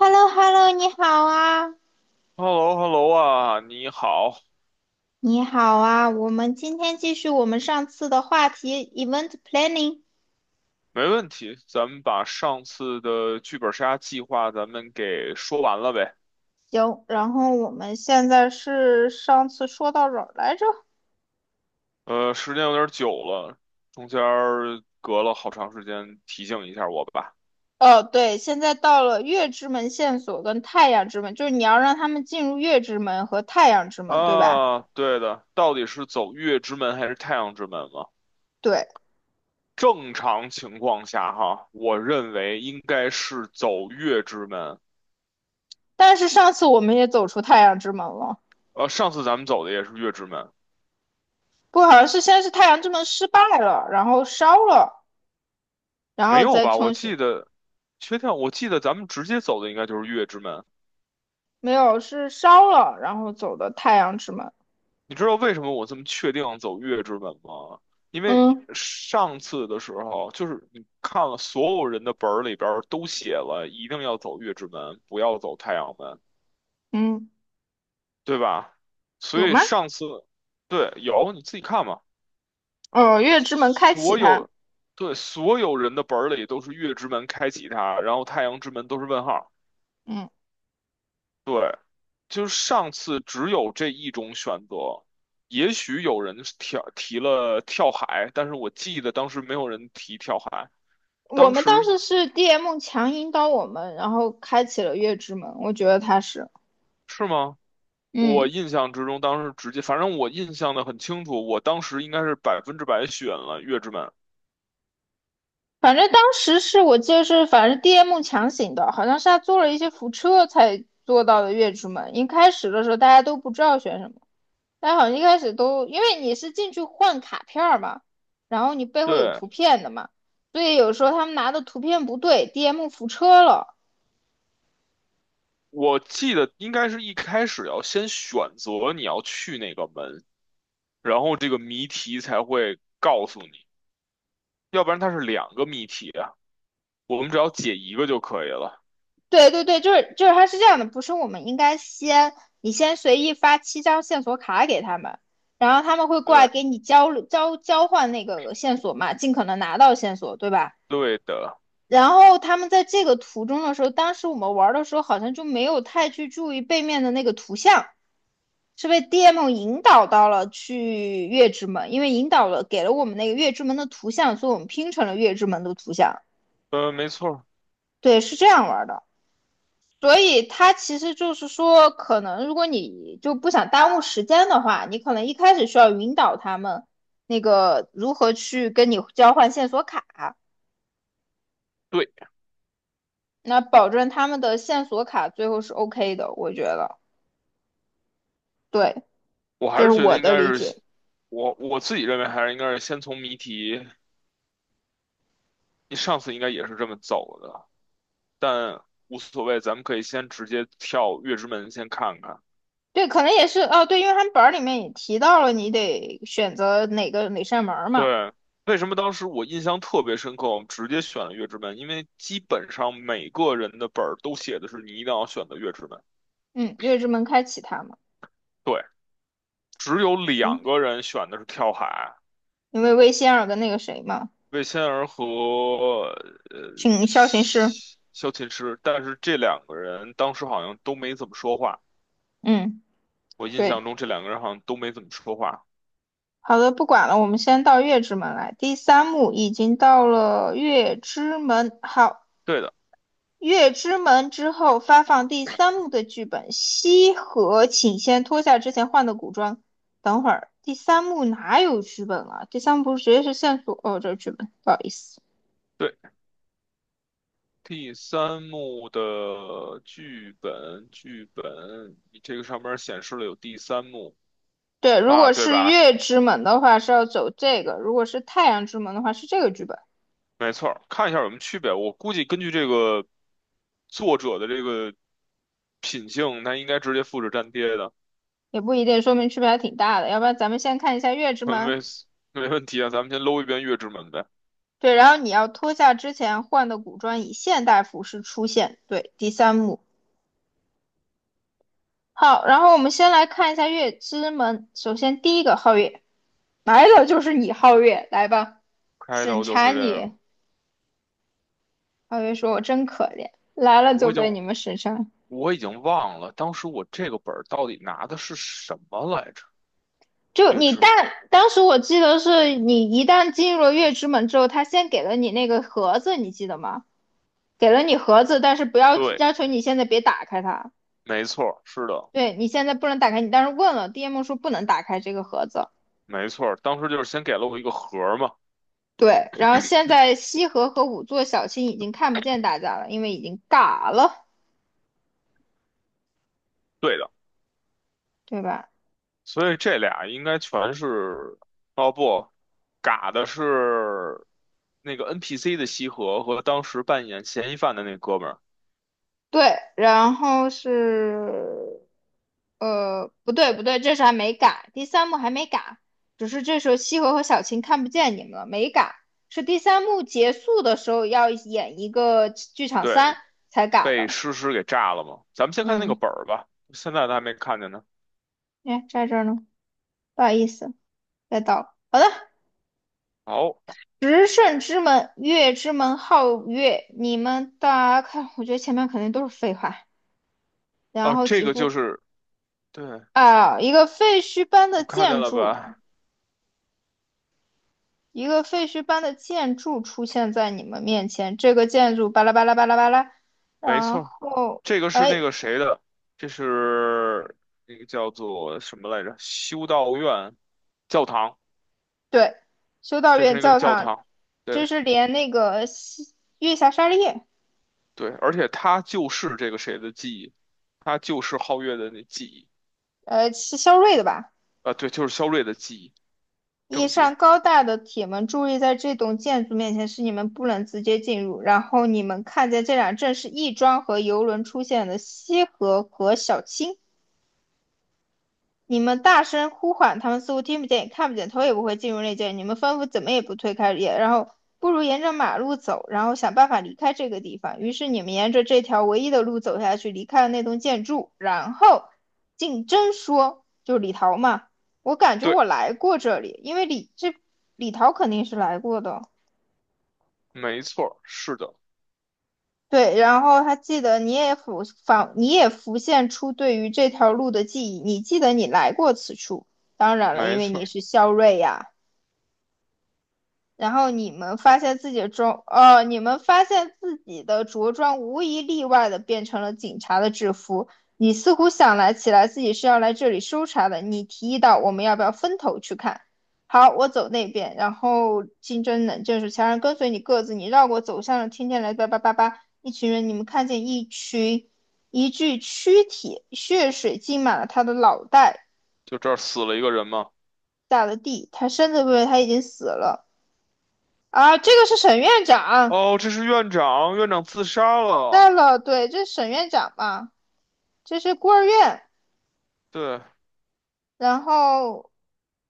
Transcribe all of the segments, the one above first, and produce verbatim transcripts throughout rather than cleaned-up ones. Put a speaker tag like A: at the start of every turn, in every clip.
A: h e l l o h e l l o 你好啊，
B: H E L L O H E L L O 啊，你好。
A: 你好啊，我们今天继续我们上次的话题，event planning。
B: 没问题，咱们把上次的剧本杀计划咱们给说完了呗。
A: 行，然后我们现在是上次说到哪儿来着？
B: 呃，时间有点久了，中间儿隔了好长时间，提醒一下我吧。
A: 哦，对，现在到了月之门线索跟太阳之门，就是你要让他们进入月之门和太阳之门，对吧？
B: 啊，对的，到底是走月之门还是太阳之门嘛？
A: 对，
B: 正常情况下哈，我认为应该是走月之门。
A: 但是上次我们也走出太阳之门了，
B: 呃，上次咱们走的也是月之门。
A: 不，好像是先是太阳之门失败了，然后烧了，然
B: 没
A: 后
B: 有
A: 再
B: 吧？我
A: 重新，
B: 记得，确定，我记得咱们直接走的应该就是月之门。
A: 没有，是烧了，然后走的太阳之门。
B: 你知道为什么我这么确定走月之门吗？因为
A: 嗯
B: 上次的时候，就是你看了所有人的本儿里边儿都写了，一定要走月之门，不要走太阳门，
A: 嗯，
B: 对吧？所
A: 有
B: 以
A: 吗？
B: 上次，对，有你自己看嘛。
A: 哦，月之门开启
B: 所
A: 它。
B: 有，对，所有人的本儿里都是月之门开启它，然后太阳之门都是问号。
A: 嗯，
B: 对，就是上次只有这一种选择。也许有人跳提了跳海，但是我记得当时没有人提跳海。
A: 我
B: 当
A: 们
B: 时
A: 当时是 D M 强引导我们，然后开启了月之门。我觉得他是，
B: 是吗？我
A: 嗯，
B: 印象之中，当时直接，反正我印象的很清楚，我当时应该是百分之百选了月之门。
A: 反正当时是我记得是，反正 D M 强行的，好像是他做了一些辐车才做到的月之门。一开始的时候大家都不知道选什么，大家好像一开始都因为你是进去换卡片儿嘛，然后你背后有
B: 对，
A: 图片的嘛，所以有时候他们拿的图片不对，D M 辐车了。
B: 我记得应该是一开始要先选择你要去哪个门，然后这个谜题才会告诉你，要不然它是两个谜题啊，我们只要解一个就可以了。
A: 对对对，就是就是他是这样的，不是我们应该先你先随意发七张线索卡给他们，然后他们会过来
B: 对。
A: 给你交流交交换那个线索嘛，尽可能拿到线索，对吧？
B: 对的。
A: 然后他们在这个途中的时候，当时我们玩的时候好像就没有太去注意背面的那个图像，是被 D M 引导到了去月之门，因为引导了给了我们那个月之门的图像，所以我们拼成了月之门的图像。
B: 嗯，没错。
A: 对，是这样玩的。所以它其实就是说，可能如果你就不想耽误时间的话，你可能一开始需要引导他们那个如何去跟你交换线索卡，
B: 对，
A: 那保证他们的线索卡最后是 OK 的，我觉得，对，
B: 我还
A: 这是
B: 是觉得
A: 我
B: 应
A: 的
B: 该
A: 理解。
B: 是，我我自己认为还是应该是先从谜题，你上次应该也是这么走的，但无所谓，咱们可以先直接跳月之门先看看。
A: 对，可能也是哦，对，因为他们本儿里面也提到了，你得选择哪个哪扇门儿嘛，
B: 对，为什么当时我印象特别深刻，我们直接选了月之门，因为基本上每个人的本儿都写的是你一定要选择月之门，
A: 嗯，月之门开启它嘛，
B: 对，只有
A: 嗯，
B: 两个人选的是跳海。
A: 因为魏仙儿跟那个谁嘛，
B: 魏仙儿和呃
A: 请萧琴师，
B: 萧萧琴师，但是这两个人当时好像都没怎么说话。
A: 嗯，
B: 我印
A: 对。
B: 象中这两个人好像都没怎么说话。
A: 好的，不管了，我们先到月之门来。第三幕已经到了月之门，好，
B: 对的。
A: 月之门之后发放第三幕的剧本。西河，请先脱下之前换的古装。等会儿，第三幕哪有剧本了？第三幕不是直接是线索？哦，这是剧本，不好意思。
B: 对。第三幕的剧本，剧本，你这个上面显示了有第三幕
A: 对，如
B: 啊，
A: 果
B: 对
A: 是
B: 吧？
A: 月之门的话是要走这个，如果是太阳之门的话是这个剧本，
B: 没错儿，看一下有什么区别。我估计根据这个作者的这个品性，他应该直接复制粘贴的。
A: 也不一定，说明区别还挺大的。要不然咱们先看一下月之
B: 没
A: 门。
B: 没问题啊。咱们先搂一遍《月之门》呗。
A: 对，然后你要脱下之前换的古装，以现代服饰出现。对，第三幕。好，然后我们先来看一下月之门。首先第一个皓月，来了就是你皓月，来吧，
B: 开
A: 审
B: 头就是
A: 查
B: 这个，
A: 你。皓月说："我真可怜，来了
B: 我
A: 就
B: 已经
A: 被你们审查。"
B: 我已经忘了当时我这个本儿到底拿的是什么来着？
A: 就
B: 月
A: 你
B: 之门。
A: 但当时我记得是你一旦进入了月之门之后，他先给了你那个盒子，你记得吗？给了你盒子，但是不要
B: 对，
A: 要求你现在别打开它。
B: 没错儿，是的。
A: 对，你现在不能打开，你当时问了，D M 说不能打开这个盒子。
B: 没错儿，当时就是先给了我一个盒儿嘛。
A: 对，然后现在西河和五座小青已经看不见大家了，因为已经嘎了，
B: 对的，
A: 对吧？
B: 所以这俩应该全是，哦不，嘎的是那个 N P C 的西河和当时扮演嫌疑犯的那哥们儿。
A: 对，然后是，呃，不对不对，这是还没嘎，第三幕还没嘎，只是这时候西河和小青看不见你们了，没嘎，是第三幕结束的时候要演一个剧场
B: 对，
A: 三才嘎
B: 被
A: 的。
B: 诗诗给炸了嘛。咱们先看那个
A: 嗯，
B: 本儿吧，现在都还没看见呢。
A: 哎，在这儿呢，不好意思，再倒，好的，
B: 好。
A: 十胜之门，月之门皓月，你们大家看，我觉得前面肯定都是废话。然
B: 哦，
A: 后
B: 这
A: 几
B: 个
A: 乎
B: 就是，对，
A: 啊，一个废墟般的
B: 你看见
A: 建
B: 了
A: 筑，
B: 吧？
A: 一个废墟般的建筑出现在你们面前。这个建筑巴拉巴拉巴拉巴拉，
B: 没
A: 然
B: 错，
A: 后
B: 这个是那
A: 哎，
B: 个谁的，这是那个叫做什么来着？修道院教堂，
A: 对，修道
B: 这是
A: 院
B: 那个
A: 教
B: 教
A: 堂，
B: 堂。
A: 这
B: 对。
A: 是连那个西月下沙利叶，
B: 对，而且他就是这个谁的记忆，他就是皓月的那记忆。
A: 呃，是肖瑞的吧？
B: 啊，对，就是肖睿的记忆，
A: 一
B: 证据。
A: 扇高大的铁门注意，在这栋建筑面前，是你们不能直接进入。然后你们看见这俩正是亦庄和游轮出现的西河和小青。你们大声呼唤，他们似乎听不见也看不见，头也不会进入内间。你们吩咐怎么也不推开，也然后不如沿着马路走，然后想办法离开这个地方。于是你们沿着这条唯一的路走下去，离开了那栋建筑。然后竞争说，就是李桃嘛，我感觉
B: 对，
A: 我来过这里，因为李这李桃肯定是来过的。
B: 没错，是的。
A: 对，然后他记得你也浮仿，你也浮现出对于这条路的记忆，你记得你来过此处。当然了，因
B: 没
A: 为你
B: 错，
A: 是肖瑞呀、然后你们发现自己的装，呃，你们发现自己的着装无一例外的变成了警察的制服。你似乎想来起来自己是要来这里搜查的。你提议到我们要不要分头去看？好，我走那边，然后金针冷正是强人跟随你各自，你绕过走向了听见来叭叭叭叭。一群人，你们看见一群一具躯体，血水浸满了他的脑袋，
B: 就这儿死了一个人嘛。
A: 下了地，他身子部位他已经死了啊！这个是沈院长。
B: 哦，这是院长，院长自杀
A: 带
B: 了。
A: 了，对，这是沈院长嘛，这是孤儿院。
B: 对，
A: 然后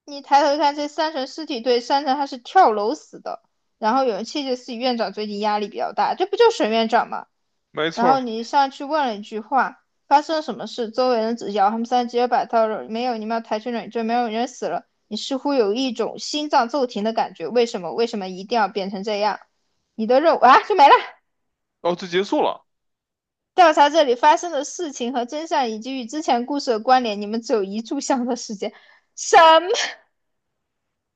A: 你抬头一看，这三层尸体对，三层他是跳楼死的。然后有人窃窃私语，院长最近压力比较大，这不就沈院长吗？
B: 没
A: 然后
B: 错。
A: 你上去问了一句话，发生了什么事？周围人只摇，他们三直接把他没有，你们要抬去冷静，没有人死了。你似乎有一种心脏骤停的感觉，为什么？为什么一定要变成这样？你的肉啊，就没了。
B: 哦，就结束了。
A: 调查这里发生的事情和真相，以及与之前故事的关联。你们只有一炷香的时间，什么？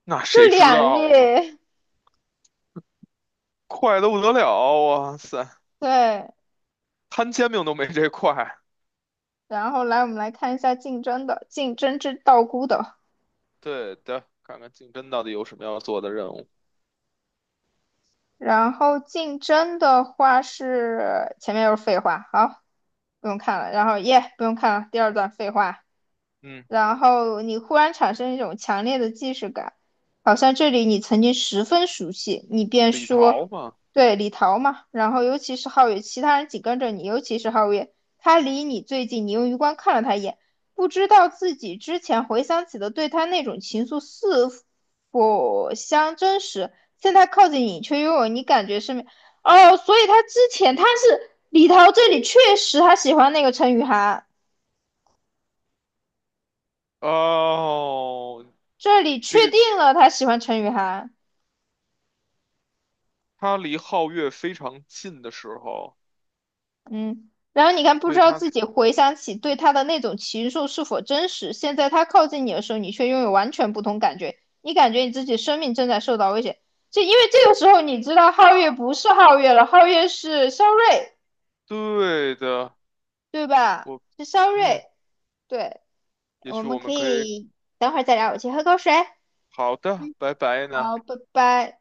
B: 那
A: 就
B: 谁知
A: 两
B: 道呢？
A: 页。
B: 快得不得了啊，哇塞！
A: 对，
B: 摊煎饼都没这块。
A: 然后来我们来看一下竞争的，竞争之道姑的。
B: 对的，看看竞争到底有什么要做的任务。
A: 然后竞争的话是前面又是废话，好，不用看了。然后耶，不用看了，第二段废话。
B: 嗯，
A: 然后你忽然产生一种强烈的既视感，好像这里你曾经十分熟悉，你便
B: 李
A: 说，
B: 桃嘛，
A: 对，李桃嘛。然后尤其是皓月，其他人紧跟着你，尤其是皓月，他离你最近，你用余光看了他一眼，不知道自己之前回想起的对他那种情愫是否相真实。现在靠近你，却又有你感觉身边，哦，所以他之前他是李桃这里确实他喜欢那个陈雨涵。
B: 哦，
A: 这里确
B: 这个
A: 定了他喜欢陈雨涵，
B: 他离皓月非常近的时候，
A: 嗯，然后你看，不知
B: 对
A: 道
B: 他。
A: 自己回想起对他的那种情愫是否真实。现在他靠近你的时候，你却拥有完全不同感觉，你感觉你自己生命正在受到威胁。这因为这个时候，你知道皓月不是皓月了，皓月是肖瑞，
B: 对的，
A: 对吧？
B: 我，
A: 是肖
B: 嗯，
A: 瑞，对，
B: 也
A: 我
B: 许
A: 们
B: 我
A: 可
B: 们可以，
A: 以等会儿再聊，我去喝口水。
B: 好的，拜拜呢。
A: 好，拜拜。